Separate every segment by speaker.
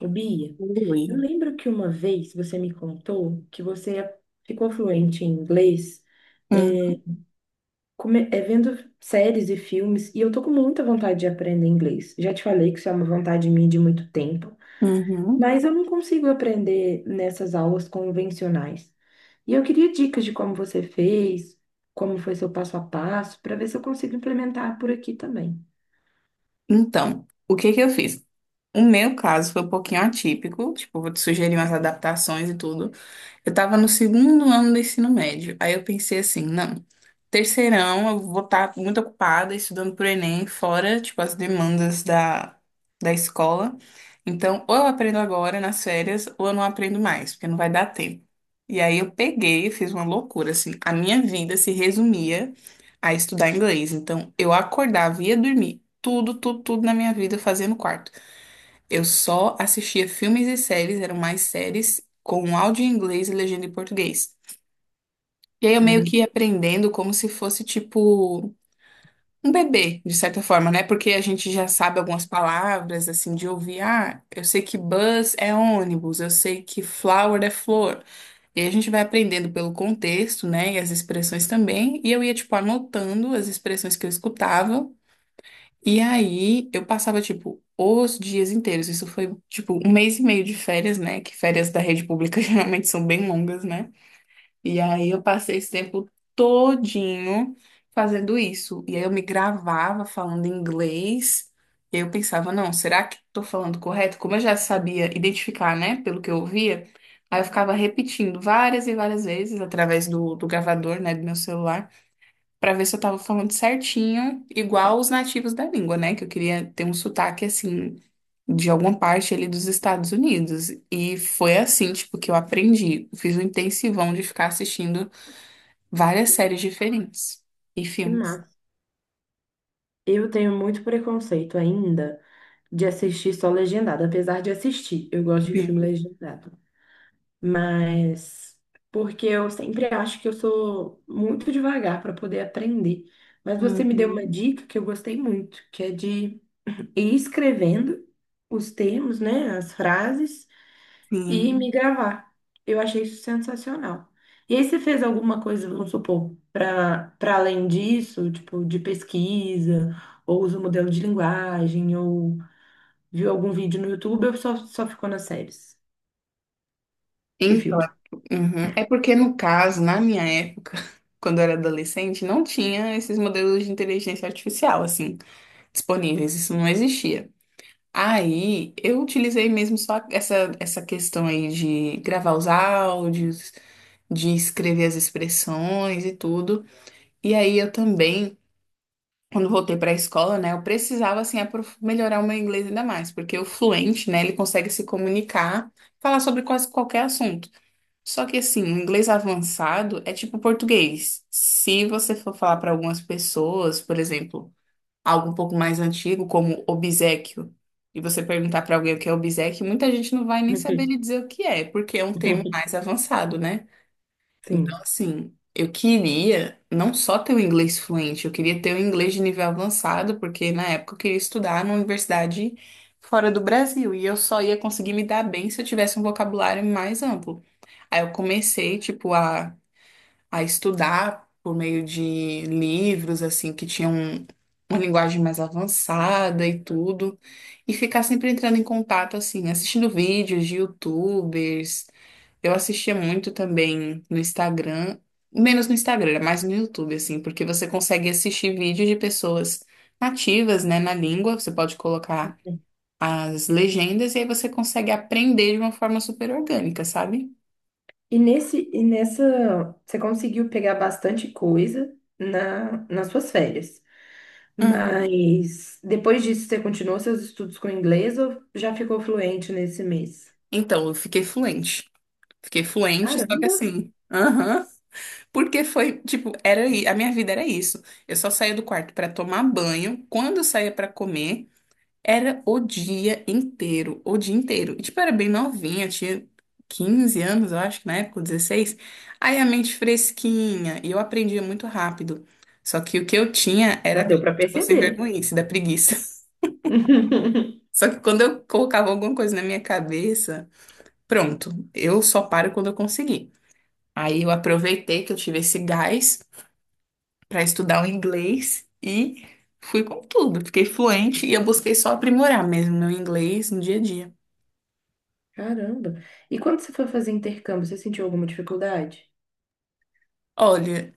Speaker 1: Ô, Bia, eu
Speaker 2: Ui.
Speaker 1: lembro que uma vez você me contou que você ficou fluente em inglês, é,
Speaker 2: Uhum,
Speaker 1: vendo séries e filmes, e eu tô com muita vontade de aprender inglês. Já te falei que isso é uma vontade minha de muito tempo,
Speaker 2: uhum.
Speaker 1: mas eu não consigo aprender nessas aulas convencionais. E eu queria dicas de como você fez, como foi seu passo a passo, para ver se eu consigo implementar por aqui também.
Speaker 2: Então, o que que eu fiz? O meu caso foi um pouquinho atípico, tipo, vou te sugerir umas adaptações e tudo. Eu estava no segundo ano do ensino médio. Aí eu pensei assim, não, terceirão eu vou estar muito ocupada estudando pro Enem, fora, tipo, as demandas da escola. Então, ou eu aprendo agora nas férias, ou eu não aprendo mais, porque não vai dar tempo. E aí eu peguei e fiz uma loucura, assim. A minha vida se resumia a estudar inglês. Então, eu acordava, ia dormir, tudo, tudo, tudo na minha vida fazia no quarto. Eu só assistia filmes e séries, eram mais séries, com áudio em inglês e legenda em português. E aí eu meio
Speaker 1: Cara,
Speaker 2: que ia aprendendo como se fosse tipo um bebê, de certa forma, né? Porque a gente já sabe algumas palavras, assim, de ouvir. Ah, eu sei que bus é ônibus, eu sei que flower é flor. E aí a gente vai aprendendo pelo contexto, né? E as expressões também. E eu ia, tipo, anotando as expressões que eu escutava. E aí eu passava, tipo, os dias inteiros. Isso foi, tipo, um mês e meio de férias, né? Que férias da rede pública geralmente são bem longas, né? E aí eu passei esse tempo todinho fazendo isso. E aí eu me gravava falando inglês. E eu pensava, não, será que tô falando correto? Como eu já sabia identificar, né? Pelo que eu ouvia, aí eu ficava repetindo várias e várias vezes através do gravador, né? Do meu celular. Pra ver se eu tava falando certinho, igual os nativos da língua, né? Que eu queria ter um sotaque assim de alguma parte ali dos Estados Unidos. E foi assim, tipo, que eu aprendi. Fiz um intensivão de ficar assistindo várias séries diferentes e
Speaker 1: que
Speaker 2: filmes.
Speaker 1: massa. Eu tenho muito preconceito ainda de assistir só legendado, apesar de assistir, eu gosto de filme
Speaker 2: Sim.
Speaker 1: legendado. Mas porque eu sempre acho que eu sou muito devagar para poder aprender. Mas você me deu uma
Speaker 2: Uhum.
Speaker 1: dica que eu gostei muito, que é de ir escrevendo os termos, né, as frases e
Speaker 2: Sim.
Speaker 1: me gravar. Eu achei isso sensacional. E aí você fez alguma coisa, vamos supor, para além disso, tipo de pesquisa, ou usa o modelo de linguagem, ou viu algum vídeo no YouTube ou só ficou nas séries e
Speaker 2: Então,
Speaker 1: filmes?
Speaker 2: é uhum. É porque no caso, na minha época, quando eu era adolescente, não tinha esses modelos de inteligência artificial assim disponíveis, isso não existia. Aí eu utilizei mesmo só essa, essa questão aí de gravar os áudios, de escrever as expressões e tudo. E aí eu também, quando voltei para a escola, né, eu precisava assim melhorar o meu inglês ainda mais, porque o fluente, né, ele consegue se comunicar, falar sobre quase qualquer assunto. Só que assim, o inglês avançado é tipo português. Se você for falar para algumas pessoas, por exemplo, algo um pouco mais antigo, como obséquio, e você perguntar para alguém o que é obséquio, muita gente não vai nem saber lhe dizer o que é, porque é um termo mais avançado, né? Então,
Speaker 1: Sim.
Speaker 2: assim, eu queria não só ter o inglês fluente, eu queria ter o inglês de nível avançado, porque na época eu queria estudar numa universidade fora do Brasil, e eu só ia conseguir me dar bem se eu tivesse um vocabulário mais amplo. Aí eu comecei, tipo, a estudar por meio de livros, assim, que tinham uma linguagem mais avançada e tudo, e ficar sempre entrando em contato, assim, assistindo vídeos de YouTubers. Eu assistia muito também no Instagram, menos no Instagram, era mais no YouTube, assim, porque você consegue assistir vídeos de pessoas nativas, né, na língua, você pode colocar as legendas e aí você consegue aprender de uma forma super orgânica, sabe?
Speaker 1: E nessa, você conseguiu pegar bastante coisa nas suas férias.
Speaker 2: Hum.
Speaker 1: Mas depois disso, você continuou seus estudos com inglês ou já ficou fluente nesse mês?
Speaker 2: Então, eu fiquei fluente. Fiquei fluente, só que
Speaker 1: Caramba,
Speaker 2: assim. Aham. Porque foi, tipo, era, a minha vida era isso. Eu só saía do quarto pra tomar banho. Quando eu saía pra comer, era o dia inteiro, o dia inteiro. E, tipo, eu era bem novinha, tinha 15 anos, eu acho, na época, 16. Aí a mente fresquinha, e eu aprendia muito rápido. Só que o que eu tinha
Speaker 1: já
Speaker 2: era,
Speaker 1: deu para
Speaker 2: tipo, sem
Speaker 1: perceber.
Speaker 2: vergonhice, da preguiça. Só que quando eu colocava alguma coisa na minha cabeça, pronto, eu só paro quando eu conseguir. Aí eu aproveitei que eu tive esse gás para estudar o inglês e fui com tudo. Fiquei fluente e eu busquei só aprimorar mesmo meu inglês no dia a dia.
Speaker 1: Caramba! E quando você foi fazer intercâmbio, você sentiu alguma dificuldade?
Speaker 2: Olha,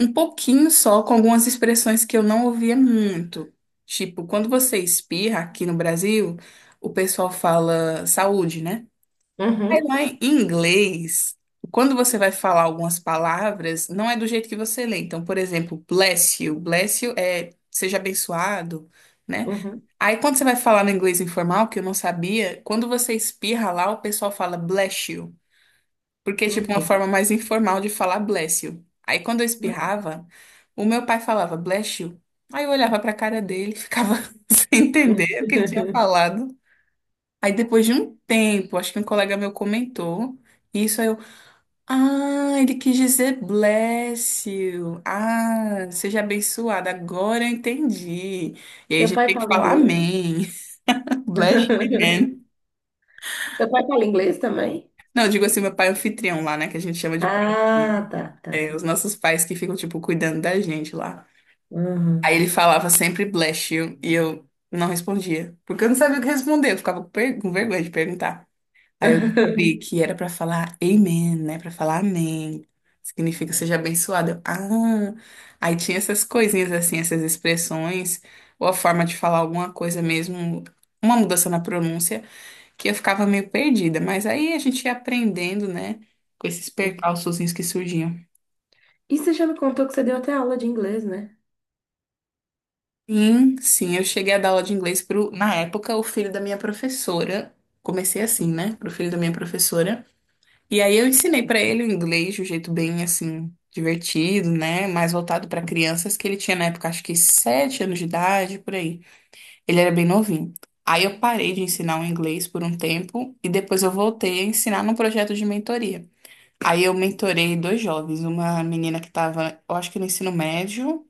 Speaker 2: um pouquinho só com algumas expressões que eu não ouvia muito. Tipo, quando você espirra aqui no Brasil, o pessoal fala saúde, né? Aí
Speaker 1: Uhum,
Speaker 2: lá em inglês, quando você vai falar algumas palavras, não é do jeito que você lê. Então, por exemplo, bless you. Bless you é seja abençoado, né?
Speaker 1: uhum,
Speaker 2: Aí quando você vai falar no inglês informal, que eu não sabia, quando você espirra lá, o pessoal fala bless you, porque é tipo uma
Speaker 1: uhum.
Speaker 2: forma mais informal de falar bless you. Aí quando eu espirrava, o meu pai falava bless you. Aí eu olhava pra cara dele, e ficava sem entender o que ele tinha falado. Aí depois de um tempo, acho que um colega meu comentou isso, aí eu, ah, ele quis dizer bless you. Ah, seja abençoada. Agora eu entendi. E aí a
Speaker 1: Seu
Speaker 2: gente
Speaker 1: pai
Speaker 2: tem que
Speaker 1: fala
Speaker 2: falar
Speaker 1: inglês?
Speaker 2: amém. Bless you, man.
Speaker 1: Seu pai fala inglês também?
Speaker 2: Não, eu digo assim, meu pai é anfitrião lá, né, que a gente chama de pai, anfitrião.
Speaker 1: Ah, tá, tá,
Speaker 2: É, os
Speaker 1: tá.
Speaker 2: nossos pais que ficam, tipo, cuidando da gente lá. Aí
Speaker 1: Uhum.
Speaker 2: ele falava sempre bless you e eu não respondia, porque eu não sabia o que responder, eu ficava com com vergonha de perguntar. Aí eu descobri que era pra falar amen, né? Pra falar amém. Significa seja abençoado. Eu, ah, aí tinha essas coisinhas assim, essas expressões, ou a forma de falar alguma coisa mesmo, uma mudança na pronúncia, que eu ficava meio perdida. Mas aí a gente ia aprendendo, né? Com esses
Speaker 1: Uhum.
Speaker 2: percalçozinhos que surgiam.
Speaker 1: E você já me contou que você deu até aula de inglês, né?
Speaker 2: Sim, sim, eu cheguei a dar aula de inglês pro, na época, o filho da minha professora. Comecei assim, né? Pro filho da minha professora. E aí eu ensinei pra ele o inglês de um jeito bem assim divertido, né? Mais voltado pra crianças que ele tinha na época, acho que 7 anos de idade, por aí. Ele era bem novinho. Aí eu parei de ensinar o inglês por um tempo e depois eu voltei a ensinar num projeto de mentoria. Aí eu mentorei dois jovens, uma menina que estava, eu acho que no ensino médio,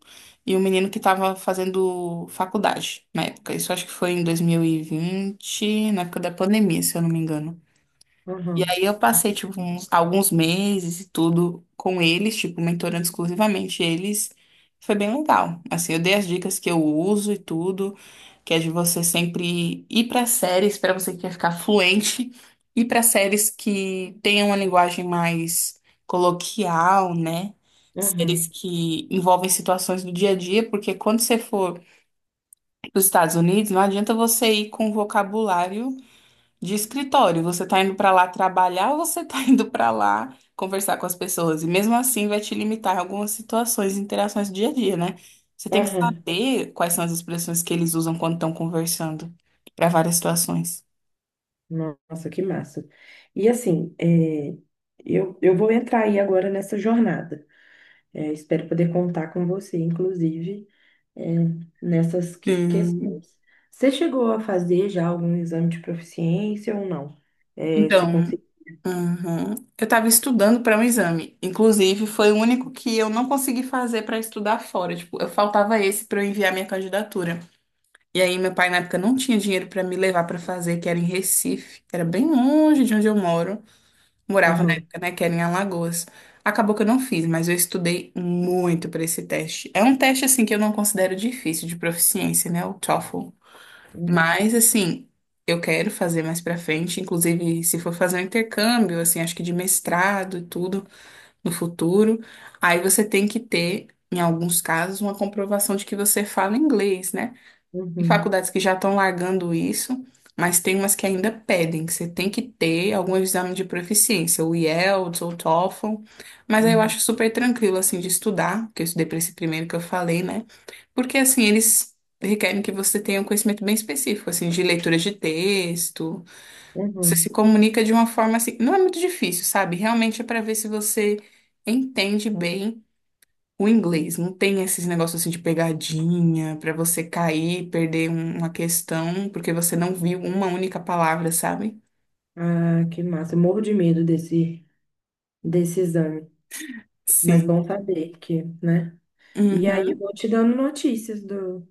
Speaker 2: e um menino que estava fazendo faculdade na época. Isso acho que foi em 2020, na época da pandemia, se eu não me engano. E
Speaker 1: Uhum,
Speaker 2: aí eu passei, tipo, alguns meses e tudo com eles, tipo, mentorando exclusivamente eles. Foi bem legal. Assim, eu dei as dicas que eu uso e tudo, que é de você sempre ir para séries, para você que quer ficar fluente, ir para séries que tenham uma linguagem mais coloquial, né? Séries
Speaker 1: uhum,
Speaker 2: que envolvem situações do dia a dia, porque quando você for para os Estados Unidos, não adianta você ir com vocabulário de escritório, você tá indo pra lá trabalhar ou você tá indo pra lá conversar com as pessoas? E mesmo assim vai te limitar em algumas situações e interações do dia a dia, né? Você tem que
Speaker 1: uhum.
Speaker 2: saber quais são as expressões que eles usam quando estão conversando para várias situações.
Speaker 1: Nossa, que massa. E assim, eu vou entrar aí agora nessa jornada. É, espero poder contar com você, inclusive, é, nessas que-
Speaker 2: Hum,
Speaker 1: questões. Você chegou a fazer já algum exame de proficiência ou não? É, você
Speaker 2: então,
Speaker 1: conseguiu?
Speaker 2: uhum. Eu estava estudando para um exame. Inclusive, foi o único que eu não consegui fazer para estudar fora. Tipo, eu faltava esse para eu enviar minha candidatura. E aí, meu pai na época não tinha dinheiro para me levar para fazer, que era em Recife, que era bem longe de onde eu moro. Morava na
Speaker 1: Uhum,
Speaker 2: época, né, que era em Alagoas. Acabou que eu não fiz, mas eu estudei muito para esse teste. É um teste assim que eu não considero difícil de proficiência, né, o TOEFL.
Speaker 1: uhum,
Speaker 2: Mas assim, eu quero fazer mais para frente, inclusive se for fazer um intercâmbio, assim, acho que de mestrado e tudo no futuro, aí você tem que ter em alguns casos, uma comprovação de que você fala inglês, né? Tem
Speaker 1: uhum,
Speaker 2: faculdades que já estão largando isso, mas tem umas que ainda pedem, que você tem que ter algum exame de proficiência, o IELTS ou o TOEFL, mas aí eu
Speaker 1: uhum,
Speaker 2: acho super tranquilo, assim, de estudar, que eu estudei para esse primeiro que eu falei, né? Porque, assim, eles requerem que você tenha um conhecimento bem específico, assim, de leitura de texto, você se
Speaker 1: uhum.
Speaker 2: comunica de uma forma, assim, não é muito difícil, sabe? Realmente é para ver se você entende bem o inglês. Não tem esses negócios assim de pegadinha pra você cair, perder uma questão porque você não viu uma única palavra, sabe?
Speaker 1: Ah, que massa. Eu morro de medo desse exame. Mas
Speaker 2: Sim.
Speaker 1: bom saber que, né? E aí
Speaker 2: Uhum.
Speaker 1: vou te dando notícias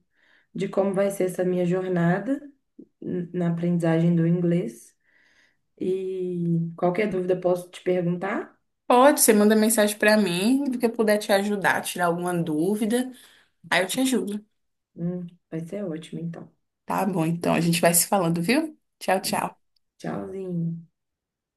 Speaker 1: de como vai ser essa minha jornada na aprendizagem do inglês. E qualquer dúvida posso te perguntar?
Speaker 2: Pode, você manda mensagem pra mim, do que eu puder te ajudar, tirar alguma dúvida, aí eu te ajudo.
Speaker 1: Vai ser ótimo, então.
Speaker 2: Tá bom, então a gente vai se falando, viu? Tchau, tchau.
Speaker 1: Tchauzinho.